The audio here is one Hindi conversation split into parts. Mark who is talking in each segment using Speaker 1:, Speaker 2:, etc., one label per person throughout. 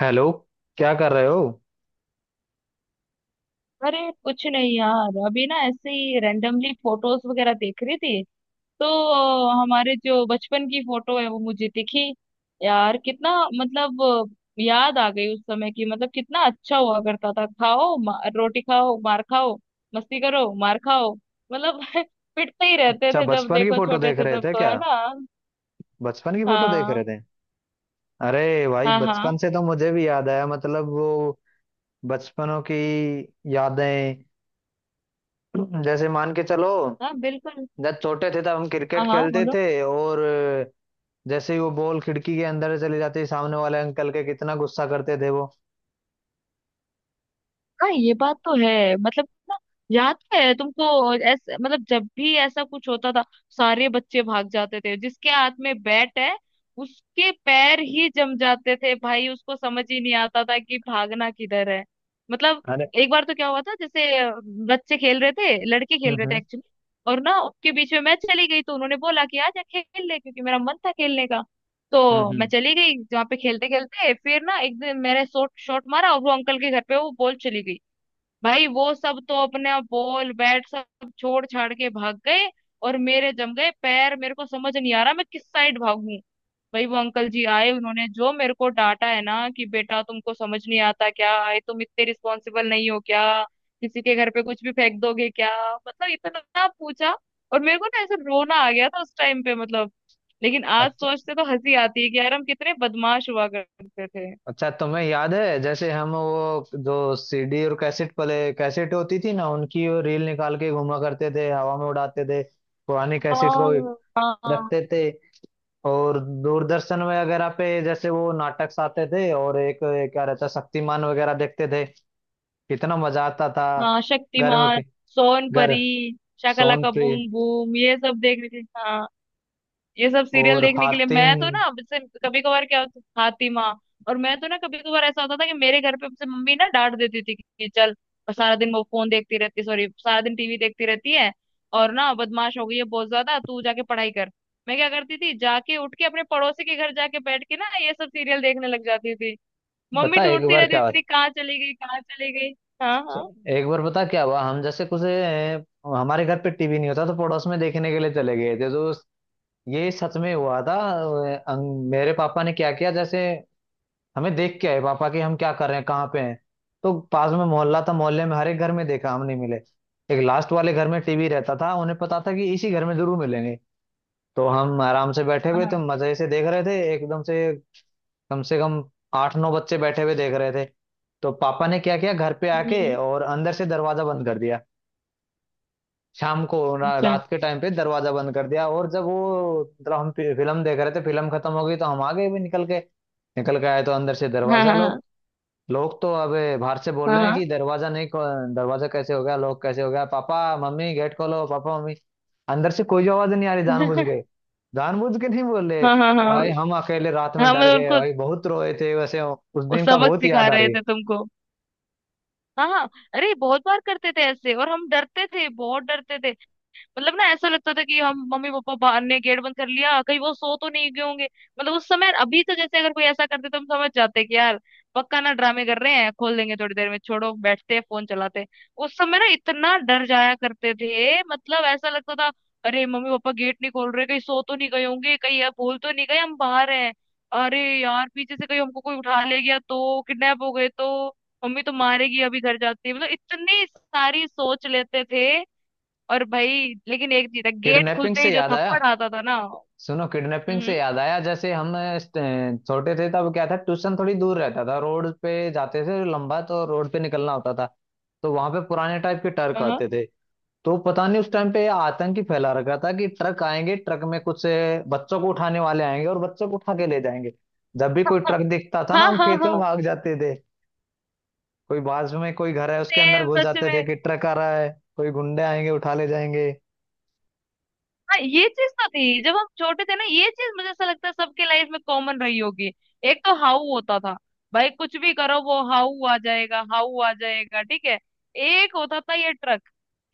Speaker 1: हेलो। क्या कर रहे हो?
Speaker 2: अरे कुछ नहीं यार, अभी ना ऐसे ही रैंडमली फोटोज वगैरह देख रही थी। तो हमारे जो बचपन की फोटो है वो मुझे दिखी। यार कितना, मतलब याद आ गई उस समय की। मतलब कितना अच्छा हुआ करता था। खाओ मा, रोटी खाओ, मार खाओ, मस्ती करो, मार खाओ। मतलब पिटते ही रहते
Speaker 1: अच्छा,
Speaker 2: थे जब
Speaker 1: बचपन की
Speaker 2: देखो,
Speaker 1: फोटो
Speaker 2: छोटे
Speaker 1: देख
Speaker 2: थे
Speaker 1: रहे
Speaker 2: तब
Speaker 1: थे
Speaker 2: तो,
Speaker 1: क्या?
Speaker 2: है ना।
Speaker 1: बचपन की फोटो देख
Speaker 2: हाँ
Speaker 1: रहे थे? अरे भाई,
Speaker 2: हाँ
Speaker 1: बचपन
Speaker 2: हाँ
Speaker 1: से तो मुझे भी याद आया, मतलब वो बचपनों की यादें। जैसे मान के चलो,
Speaker 2: हाँ, बिल्कुल।
Speaker 1: जब छोटे थे तब हम
Speaker 2: हाँ
Speaker 1: क्रिकेट
Speaker 2: हाँ,
Speaker 1: खेलते
Speaker 2: बोलो।
Speaker 1: थे, और जैसे ही वो बॉल खिड़की के अंदर चली जाती, सामने वाले अंकल के कितना गुस्सा करते थे वो।
Speaker 2: हाँ, ये बात तो है। मतलब ना, याद तो है तुमको। ऐसे मतलब जब भी ऐसा कुछ होता था, सारे बच्चे भाग जाते थे। जिसके हाथ में बैट है, उसके पैर ही जम जाते थे भाई। उसको समझ ही नहीं आता था कि भागना किधर है। मतलब
Speaker 1: अरे,
Speaker 2: एक बार तो क्या हुआ था, जैसे बच्चे खेल रहे थे, लड़के
Speaker 1: हम्म
Speaker 2: खेल रहे थे
Speaker 1: हम्म
Speaker 2: एक्चुअली। और ना उनके बीच में मैं चली गई, तो उन्होंने बोला कि आजा खेल ले, क्योंकि मेरा मन था खेलने का।
Speaker 1: हम्म
Speaker 2: तो मैं
Speaker 1: हम्म।
Speaker 2: चली गई। जहाँ पे खेलते खेलते फिर ना एक दिन मैंने शॉट शॉट मारा और वो अंकल के घर पे वो बॉल चली गई। भाई वो सब तो अपने बॉल बैट सब छोड़ छाड़ के भाग गए। और मेरे जम गए पैर, मेरे को समझ नहीं आ रहा मैं किस साइड भागूं। भाई वो अंकल जी आए, उन्होंने जो मेरे को डांटा है ना, कि बेटा तुमको समझ नहीं आता क्या, आए तुम, इतने रिस्पॉन्सिबल नहीं हो क्या, किसी के घर पे कुछ भी फेंक दोगे क्या। मतलब इतना पूछा। और मेरे को ना ऐसे रोना आ गया था उस टाइम पे। मतलब लेकिन आज सोचते तो हंसी आती है कि यार हम कितने बदमाश हुआ करते थे।
Speaker 1: अच्छा, तुम्हें याद है जैसे हम वो जो सीडी और कैसेट पले कैसेट होती थी ना, उनकी वो रील निकाल के घुमा करते थे, हवा में उड़ाते थे पुरानी कैसेट को
Speaker 2: हाँ हाँ।
Speaker 1: रखते थे। और दूरदर्शन वगैरह पे जैसे वो नाटक आते थे, और एक एक क्या रहता, शक्तिमान वगैरह देखते थे, कितना मजा आता था।
Speaker 2: हाँ
Speaker 1: घर में
Speaker 2: शक्तिमान,
Speaker 1: के-
Speaker 2: सोन परी,
Speaker 1: घर,
Speaker 2: शाकाला का
Speaker 1: सोनप्री
Speaker 2: बूम बूम, ये सब देखने के, हाँ। ये सब सीरियल
Speaker 1: और
Speaker 2: देखने के लिए मैं
Speaker 1: हातिम।
Speaker 2: तो ना, जैसे कभी कभार क्या होता, फातिमा। और मैं तो ना कभी कभार ऐसा होता था कि मेरे घर पे मुझसे मम्मी ना डांट देती थी कि चल, और सारा दिन वो फोन देखती रहती, सॉरी सारा दिन टीवी देखती रहती है, और ना बदमाश हो गई है बहुत ज्यादा, तू जाके पढ़ाई कर। मैं क्या करती थी, जाके उठ के अपने पड़ोसी के घर जाके बैठ के ना ये सब सीरियल देखने लग जाती थी। मम्मी
Speaker 1: बता एक
Speaker 2: ढूंढती
Speaker 1: बार क्या
Speaker 2: रहती
Speaker 1: हुआ,
Speaker 2: थी, कहाँ चली गई, कहाँ चली गई। हाँ हाँ
Speaker 1: एक बार बता क्या हुआ। हम जैसे कुछ हमारे घर पे टीवी नहीं होता तो पड़ोस में देखने के लिए चले गए थे, तो ये सच में हुआ था। मेरे पापा ने क्या किया जैसे, हमें देख के आए पापा कि हम क्या कर रहे हैं, कहाँ पे हैं। तो पास में मोहल्ला था, मोहल्ले में हर एक घर में देखा, हम नहीं मिले। एक लास्ट वाले घर में टीवी रहता था, उन्हें पता था कि इसी घर में जरूर मिलेंगे। तो हम आराम से बैठे हुए थे,
Speaker 2: हाँ।
Speaker 1: मजे से देख रहे थे, एकदम से कम आठ नौ बच्चे बैठे हुए देख रहे थे। तो पापा ने क्या किया, घर पे आके
Speaker 2: हम्म।
Speaker 1: और अंदर से दरवाजा बंद कर दिया। शाम को
Speaker 2: अच्छा।
Speaker 1: रात के टाइम पे दरवाजा बंद कर दिया, और जब वो मतलब हम फिल्म देख रहे थे, फिल्म खत्म हो गई तो हम आ गए भी निकल के। निकल के आए तो अंदर से
Speaker 2: हाँ
Speaker 1: दरवाजा
Speaker 2: हाँ
Speaker 1: लोग,
Speaker 2: हाँ
Speaker 1: लोग तो अब बाहर से बोल
Speaker 2: हाँ
Speaker 1: रहे हैं
Speaker 2: हाँ।
Speaker 1: कि दरवाजा नहीं दरवाजा कैसे हो गया, लोग कैसे हो गया, पापा मम्मी गेट खोलो, पापा मम्मी। अंदर से कोई आवाज नहीं आ रही, जानबूझ के, जानबूझ के नहीं बोल रहे।
Speaker 2: हाँ हाँ हाँ
Speaker 1: भाई हम अकेले रात में
Speaker 2: हाँ।
Speaker 1: डर
Speaker 2: मतलब
Speaker 1: गए,
Speaker 2: उनको,
Speaker 1: भाई बहुत रोए थे वैसे, उस
Speaker 2: वो
Speaker 1: दिन का
Speaker 2: सबक
Speaker 1: बहुत
Speaker 2: सिखा
Speaker 1: याद आ
Speaker 2: रहे
Speaker 1: रही है।
Speaker 2: थे तुमको। हाँ हाँ। अरे बहुत बार करते थे ऐसे, और हम डरते थे, बहुत डरते थे। मतलब ना ऐसा लगता था कि हम, मम्मी पापा बाहर ने गेट बंद कर लिया, कहीं वो सो तो नहीं गए होंगे। मतलब उस समय। अभी तो जैसे अगर कोई ऐसा करते तो हम समझ जाते कि यार पक्का ना ड्रामे कर रहे हैं, खोल देंगे थोड़ी देर में, छोड़ो बैठते फोन चलाते। उस समय ना इतना डर जाया करते थे। मतलब ऐसा लगता था, अरे मम्मी पापा गेट नहीं खोल रहे, कहीं सो तो नहीं गए होंगे, कहीं यार भूल तो नहीं गए हम बाहर हैं, अरे यार पीछे से कहीं हमको कोई उठा ले गया तो, किडनैप हो गए तो मम्मी तो मारेगी, अभी घर जाती। मतलब इतनी सारी सोच लेते थे। और भाई लेकिन एक चीज है, गेट
Speaker 1: किडनैपिंग
Speaker 2: खुलते ही
Speaker 1: से
Speaker 2: जो
Speaker 1: याद आया,
Speaker 2: थप्पड़ आता था ना।
Speaker 1: सुनो किडनैपिंग
Speaker 2: हम्म।
Speaker 1: से याद आया। जैसे हम छोटे थे तब क्या था, ट्यूशन थोड़ी दूर रहता था, रोड पे जाते थे, लंबा तो रोड पे निकलना होता था। तो वहां पे पुराने टाइप के ट्रक
Speaker 2: हाँ
Speaker 1: आते थे। तो पता नहीं उस टाइम पे ये आतंक ही फैला रखा था कि ट्रक आएंगे, ट्रक में कुछ बच्चों को उठाने वाले आएंगे और बच्चों को उठा के ले जाएंगे। जब भी कोई ट्रक दिखता था ना,
Speaker 2: हाँ
Speaker 1: हम
Speaker 2: हाँ
Speaker 1: खेतों में
Speaker 2: हाँ।
Speaker 1: भाग जाते थे, कोई बाजू में कोई घर है उसके अंदर
Speaker 2: सेम,
Speaker 1: घुस
Speaker 2: सच
Speaker 1: जाते
Speaker 2: में।
Speaker 1: थे कि ट्रक आ रहा है, कोई गुंडे आएंगे उठा ले जाएंगे।
Speaker 2: हाँ ये चीज तो थी जब हम छोटे थे ना, ये चीज मुझे ऐसा लगता है सबके लाइफ में कॉमन रही होगी। एक तो हाउ होता था। भाई कुछ भी करो, वो हाउ आ जाएगा, हाउ आ जाएगा, ठीक है। एक होता था ये ट्रक,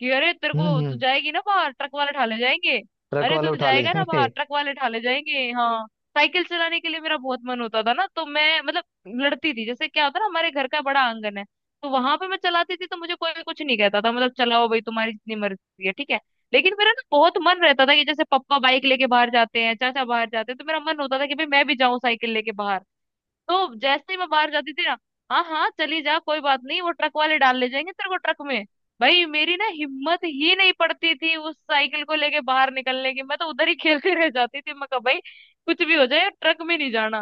Speaker 2: कि अरे तेरे
Speaker 1: हम्म
Speaker 2: को, तू
Speaker 1: हम्म
Speaker 2: जाएगी ना बाहर, ट्रक वाले ठाले जाएंगे।
Speaker 1: ट्रक
Speaker 2: अरे
Speaker 1: वाले
Speaker 2: तू
Speaker 1: उठा ले
Speaker 2: जाएगा ना
Speaker 1: जाएंगे।
Speaker 2: बाहर, ट्रक वाले ठाले जाएंगे। हाँ साइकिल चलाने के लिए मेरा बहुत मन होता था ना, तो मैं, मतलब लड़ती थी। जैसे क्या होता ना, हमारे घर का बड़ा आंगन है, तो वहां पे मैं चलाती थी, तो मुझे कोई कुछ नहीं कहता था। मतलब चलाओ भाई तुम्हारी जितनी मर्जी है, ठीक है। लेकिन मेरा ना बहुत मन रहता था कि जैसे पापा बाइक लेके बाहर जाते हैं, चाचा बाहर जाते हैं, तो मेरा मन होता था कि भाई मैं भी जाऊं साइकिल लेके बाहर। तो जैसे ही मैं बाहर जाती थी ना, हाँ हाँ चली जा कोई बात नहीं, वो ट्रक वाले डाल ले जाएंगे तेरे को ट्रक में। भाई मेरी ना हिम्मत ही नहीं पड़ती थी उस साइकिल को लेके बाहर निकलने की। मैं तो उधर ही खेलती रह जाती थी। मैं कहा भाई कुछ भी हो जाए ट्रक में नहीं जाना।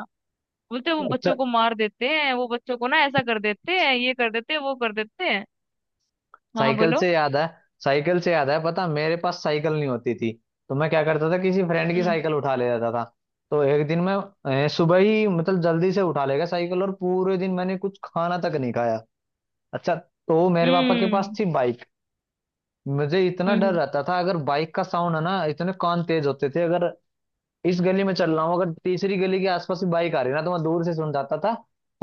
Speaker 2: बोलते वो
Speaker 1: अच्छा,
Speaker 2: बच्चों को मार देते हैं, वो बच्चों को ना ऐसा कर देते हैं, ये कर देते हैं, वो कर देते हैं। हाँ
Speaker 1: साइकिल
Speaker 2: बोलो।
Speaker 1: से याद है, साइकिल से याद है पता, मेरे पास साइकिल नहीं होती थी। तो मैं क्या करता था, किसी फ्रेंड की
Speaker 2: हम्म
Speaker 1: साइकिल उठा ले जाता था। तो एक दिन मैं सुबह ही मतलब जल्दी से उठा ले गया साइकिल और पूरे दिन मैंने कुछ खाना तक नहीं खाया। अच्छा, तो मेरे पापा के पास
Speaker 2: हम्म
Speaker 1: थी बाइक। मुझे इतना
Speaker 2: हम्म।
Speaker 1: डर
Speaker 2: हम्म।
Speaker 1: रहता था, अगर बाइक का साउंड है ना, इतने कान तेज होते थे, अगर इस गली में चल रहा हूँ, अगर तीसरी गली के आसपास भी बाइक आ रही ना, तो मैं दूर से सुन जाता था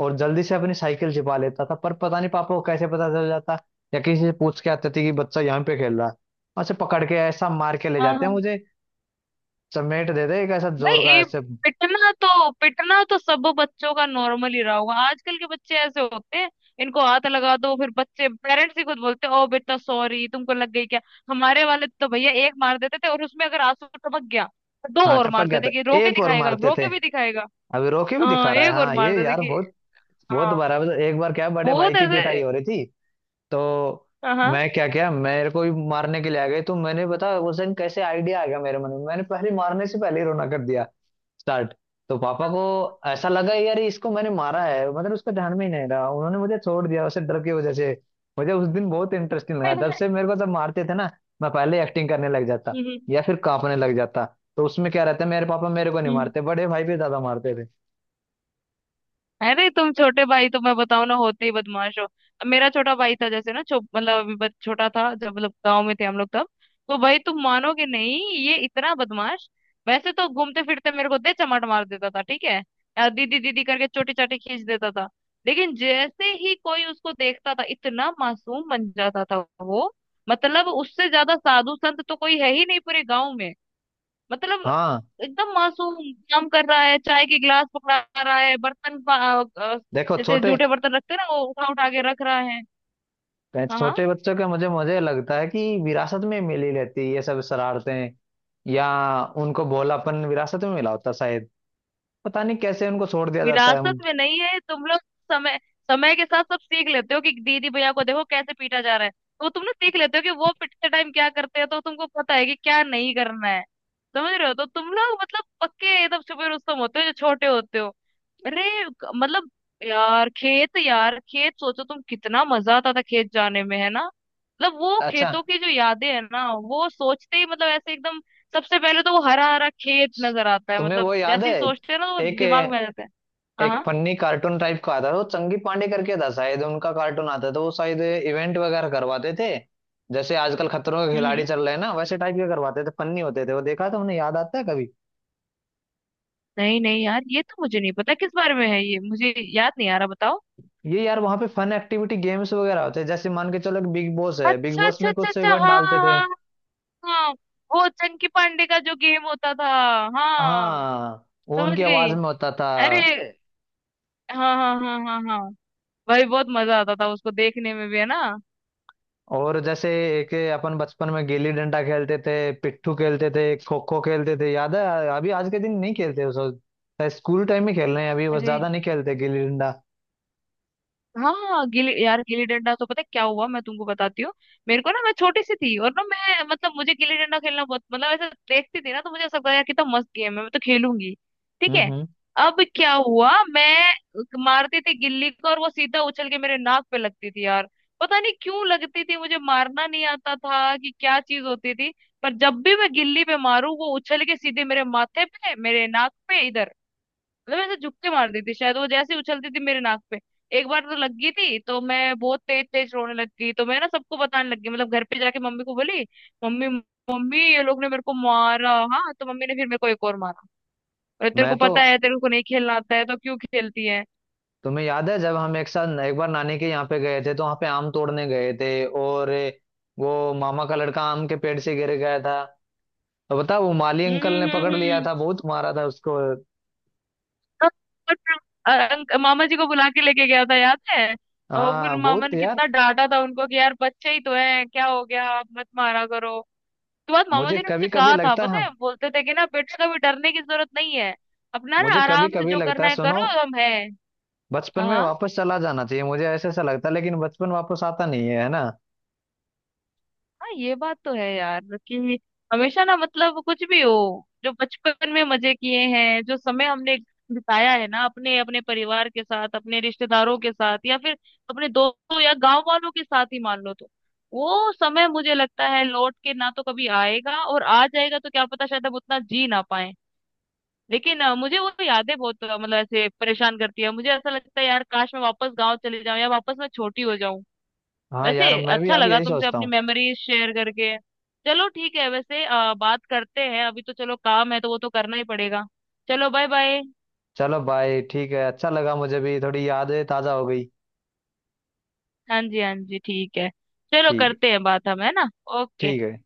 Speaker 1: और जल्दी से अपनी साइकिल छिपा लेता था। पर पता नहीं पापा को कैसे पता चल जाता, या किसी से पूछ के आते थे कि बच्चा यहाँ पे खेल रहा है, और उसे पकड़ के ऐसा मार के ले
Speaker 2: हाँ
Speaker 1: जाते हैं
Speaker 2: हाँ।
Speaker 1: मुझे, चमेट देते एक ऐसा
Speaker 2: भाई
Speaker 1: जोर का
Speaker 2: ये,
Speaker 1: ऐसे।
Speaker 2: पिटना तो, पिटना तो सब बच्चों का नॉर्मल ही रहा होगा। आजकल के बच्चे ऐसे होते हैं, इनको हाथ लगा दो फिर बच्चे, पेरेंट्स ही खुद बोलते हैं, ओ बेटा सॉरी, तुमको लग गई क्या। हमारे वाले तो भैया एक मार देते थे, और उसमें अगर आंसू टपक गया तो दो
Speaker 1: हाँ
Speaker 2: और
Speaker 1: टपक
Speaker 2: मार
Speaker 1: गया था,
Speaker 2: देते, कि रो के
Speaker 1: एक और
Speaker 2: दिखाएगा,
Speaker 1: मारते
Speaker 2: रो
Speaker 1: थे,
Speaker 2: के भी दिखाएगा।
Speaker 1: अभी रोके भी
Speaker 2: हाँ
Speaker 1: दिखा रहा है,
Speaker 2: एक और
Speaker 1: हाँ
Speaker 2: मार
Speaker 1: ये
Speaker 2: देते
Speaker 1: यार
Speaker 2: कि।
Speaker 1: बहुत बहुत
Speaker 2: हाँ,
Speaker 1: बार है। मतलब एक बार क्या, बड़े भाई
Speaker 2: बहुत
Speaker 1: की पिटाई
Speaker 2: ऐसे।
Speaker 1: हो रही थी, तो
Speaker 2: हाँ हाँ।
Speaker 1: मैं क्या क्या मेरे को भी मारने के लिए आ गए, तो मैंने बता उस दिन कैसे आइडिया आ गया मेरे मन में, मैंने पहले, मारने से पहले ही रोना कर दिया स्टार्ट। तो पापा को ऐसा लगा यार इसको मैंने मारा है, मतलब उसका ध्यान में ही नहीं रहा, उन्होंने मुझे छोड़ दिया उसे डर की वजह से। मुझे उस दिन बहुत इंटरेस्टिंग लगा, तब से मेरे को जब मारते थे ना, मैं पहले एक्टिंग करने लग जाता
Speaker 2: हम्म
Speaker 1: या फिर कांपने लग जाता। तो उसमें क्या रहता है, मेरे पापा मेरे को नहीं
Speaker 2: हम्म,
Speaker 1: मारते, बड़े भाई भी ज्यादा मारते थे।
Speaker 2: अरे तुम छोटे भाई तो मैं बताऊं ना, होते ही बदमाश हो। अब मेरा छोटा भाई था, जैसे ना मतलब अभी छोटा था जब, मतलब गांव में थे हम लोग तब। तो भाई तुम मानोगे नहीं, ये इतना बदमाश। वैसे तो घूमते फिरते मेरे को दे चमाट मार देता था, ठीक है, या दीदी दीदी करके चोटी चाटी खींच देता था। लेकिन जैसे ही कोई उसको देखता था, इतना मासूम बन जाता था वो। मतलब उससे ज्यादा साधु संत तो कोई है ही नहीं पूरे गांव में। मतलब
Speaker 1: हाँ,
Speaker 2: एकदम मासूम, काम कर रहा है, चाय के गिलास पकड़ा रहा है, अ,
Speaker 1: देखो
Speaker 2: जैसे
Speaker 1: छोटे
Speaker 2: जूठे बर्तन रखते हैं ना, वो उठा उठा के रख रहा है। हाँ हाँ।
Speaker 1: छोटे बच्चों के, मुझे मुझे लगता है कि विरासत में मिली रहती है ये सब शरारतें, या उनको भोलापन विरासत में मिला होता शायद, पता नहीं कैसे उनको छोड़ दिया जाता है।
Speaker 2: विरासत में नहीं है तुम लोग। समय, समय के साथ सब सीख लेते हो, कि दीदी भैया को देखो कैसे पीटा जा रहा है। तो तुम लोग सीख लेते हो कि वो पिटते टाइम क्या करते हैं, तो तुमको पता है कि क्या नहीं करना है। समझ रहे हो, तो तुम लोग मतलब पक्के एकदम छुपे रुस्तम होते हो जो छोटे होते हो। अरे मतलब यार खेत, यार खेत सोचो तुम, कितना मजा आता था खेत जाने में, है ना। मतलब वो
Speaker 1: अच्छा,
Speaker 2: खेतों की जो यादें है ना, वो सोचते ही मतलब ऐसे एकदम, सबसे पहले तो वो हरा हरा खेत नजर आता है।
Speaker 1: तुम्हें
Speaker 2: मतलब
Speaker 1: वो याद
Speaker 2: जैसे
Speaker 1: है,
Speaker 2: ही सोचते हैं ना तो वो
Speaker 1: एक
Speaker 2: दिमाग में आ जाता है। हाँ
Speaker 1: एक
Speaker 2: हाँ,
Speaker 1: फनी कार्टून टाइप का आता था, वो चंगी पांडे करके था शायद उनका कार्टून आता था, तो वो शायद इवेंट वगैरह करवाते थे। जैसे आजकल खतरों के
Speaker 2: हम्म
Speaker 1: खिलाड़ी
Speaker 2: हम्म।
Speaker 1: चल रहे हैं ना, वैसे टाइप के करवाते थे, फनी होते थे वो। देखा था उन्हें, याद आता है कभी?
Speaker 2: नहीं नहीं यार, ये तो मुझे नहीं पता किस बारे में है, ये मुझे याद नहीं आ रहा, बताओ।
Speaker 1: ये यार वहां पे फन एक्टिविटी गेम्स वगैरह होते हैं, जैसे मान के चलो एक बिग बॉस है, बिग
Speaker 2: अच्छा
Speaker 1: बॉस
Speaker 2: अच्छा
Speaker 1: में
Speaker 2: अच्छा
Speaker 1: कुछ
Speaker 2: अच्छा,
Speaker 1: इवेंट
Speaker 2: हाँ
Speaker 1: डालते
Speaker 2: हाँ
Speaker 1: थे।
Speaker 2: हाँ। हाँ, वो चंकी पांडे का जो गेम होता था। हाँ।
Speaker 1: हाँ, वो
Speaker 2: समझ
Speaker 1: उनकी आवाज
Speaker 2: गई।
Speaker 1: में होता था।
Speaker 2: अरे हाँ हाँ हाँ हाँ हाँ, भाई बहुत मजा आता था उसको देखने में भी, है ना।
Speaker 1: और जैसे एक, अपन बचपन में गिल्ली डंडा खेलते थे, पिट्ठू खेलते थे, खो खो खेलते थे, याद है? अभी आज के दिन नहीं खेलते, उस स्कूल टाइम में खेल रहे हैं, अभी बस
Speaker 2: अरे
Speaker 1: ज्यादा नहीं खेलते गिल्ली डंडा।
Speaker 2: हाँ हाँ गिल्ली, यार गिल्ली डंडा तो, पता है क्या हुआ मैं तुमको बताती हूँ। मेरे को ना, मैं छोटी सी थी, और ना मैं, मतलब मुझे गिल्ली डंडा खेलना बहुत, मतलब ऐसे देखती थी ना, तो मुझे ऐसा लगता था, यार कितना मस्त गेम है, मैं तो खेलूंगी, ठीक
Speaker 1: हम्म
Speaker 2: है।
Speaker 1: हम्म
Speaker 2: अब क्या हुआ, मैं मारती थी गिल्ली को, और वो सीधा उछल के मेरे नाक पे लगती थी यार। पता नहीं क्यों लगती थी, मुझे मारना नहीं आता था कि क्या चीज होती थी। पर जब भी मैं गिल्ली पे मारू, वो उछल के सीधे मेरे माथे पे, मेरे नाक पे इधर, मतलब ऐसे झुक्के मार देती शायद वो, जैसे ही उछलती थी मेरे नाक पे। एक बार तो लग गई थी, तो मैं बहुत तेज तेज रोने लग गई, तो मैं ना सबको बताने लग गई। मतलब घर पे जाके मम्मी को बोली, मम्मी मम्मी ये लोग ने मेरे को मारा। हाँ तो मम्मी ने फिर मेरे को एक और मारा, अरे तेरे
Speaker 1: मैं
Speaker 2: को
Speaker 1: तो,
Speaker 2: पता है तेरे को नहीं खेलना आता है तो क्यों खेलती है।
Speaker 1: तुम्हें याद है जब हम एक साथ एक बार नानी के यहाँ पे गए थे, तो वहां पे आम तोड़ने गए थे, और वो मामा का लड़का आम के पेड़ से गिर गया था। तो बता, वो माली अंकल ने
Speaker 2: हम्म।
Speaker 1: पकड़ लिया
Speaker 2: हम्म।
Speaker 1: था, बहुत मारा था उसको।
Speaker 2: तो फिर, मामा जी को बुला के लेके गया था, याद है। और फिर
Speaker 1: हाँ
Speaker 2: मामा
Speaker 1: बहुत
Speaker 2: ने
Speaker 1: यार।
Speaker 2: कितना डांटा था उनको, कि यार बच्चे ही तो हैं, क्या हो गया, आप मत मारा करो। उसके बाद मामा
Speaker 1: मुझे
Speaker 2: जी ने मुझे
Speaker 1: कभी कभी
Speaker 2: कहा था,
Speaker 1: लगता
Speaker 2: पता
Speaker 1: है,
Speaker 2: है, बोलते थे कि ना बेटा कभी डरने की जरूरत नहीं है, अपना ना
Speaker 1: मुझे कभी
Speaker 2: आराम से
Speaker 1: कभी
Speaker 2: जो
Speaker 1: लगता है,
Speaker 2: करना है
Speaker 1: सुनो,
Speaker 2: करो, हम है।
Speaker 1: बचपन में
Speaker 2: हाँ
Speaker 1: वापस चला जाना चाहिए, मुझे ऐसा ऐसा लगता है, लेकिन बचपन वापस आता नहीं है, है ना?
Speaker 2: हाँ, ये बात तो है यार, कि हमेशा ना, मतलब कुछ भी हो, जो बचपन में मजे किए हैं, जो समय हमने बिताया है ना, अपने अपने परिवार के साथ, अपने रिश्तेदारों के साथ, या फिर अपने दोस्तों या गांव वालों के साथ ही मान लो तो, वो समय मुझे लगता है लौट के ना तो कभी आएगा, और आ जाएगा तो क्या पता शायद हम उतना जी ना पाए। लेकिन मुझे वो यादें बहुत मतलब ऐसे परेशान करती है। मुझे ऐसा लगता है यार काश मैं वापस गांव चले जाऊं, या वापस मैं छोटी हो जाऊं।
Speaker 1: हाँ
Speaker 2: वैसे,
Speaker 1: यार, मैं भी
Speaker 2: अच्छा
Speaker 1: अब
Speaker 2: लगा
Speaker 1: यही
Speaker 2: तुमसे
Speaker 1: सोचता
Speaker 2: अपनी
Speaker 1: हूँ।
Speaker 2: मेमोरीज शेयर करके। चलो ठीक है, वैसे बात करते हैं, अभी तो चलो काम है तो वो तो करना ही पड़ेगा। चलो, बाय बाय।
Speaker 1: चलो बाय, ठीक है, अच्छा लगा, मुझे भी थोड़ी यादें ताजा हो गई।
Speaker 2: हाँ जी, हाँ जी, ठीक है। चलो
Speaker 1: ठीक है।
Speaker 2: करते हैं बात, हम है ना। ओके।
Speaker 1: ठीक है।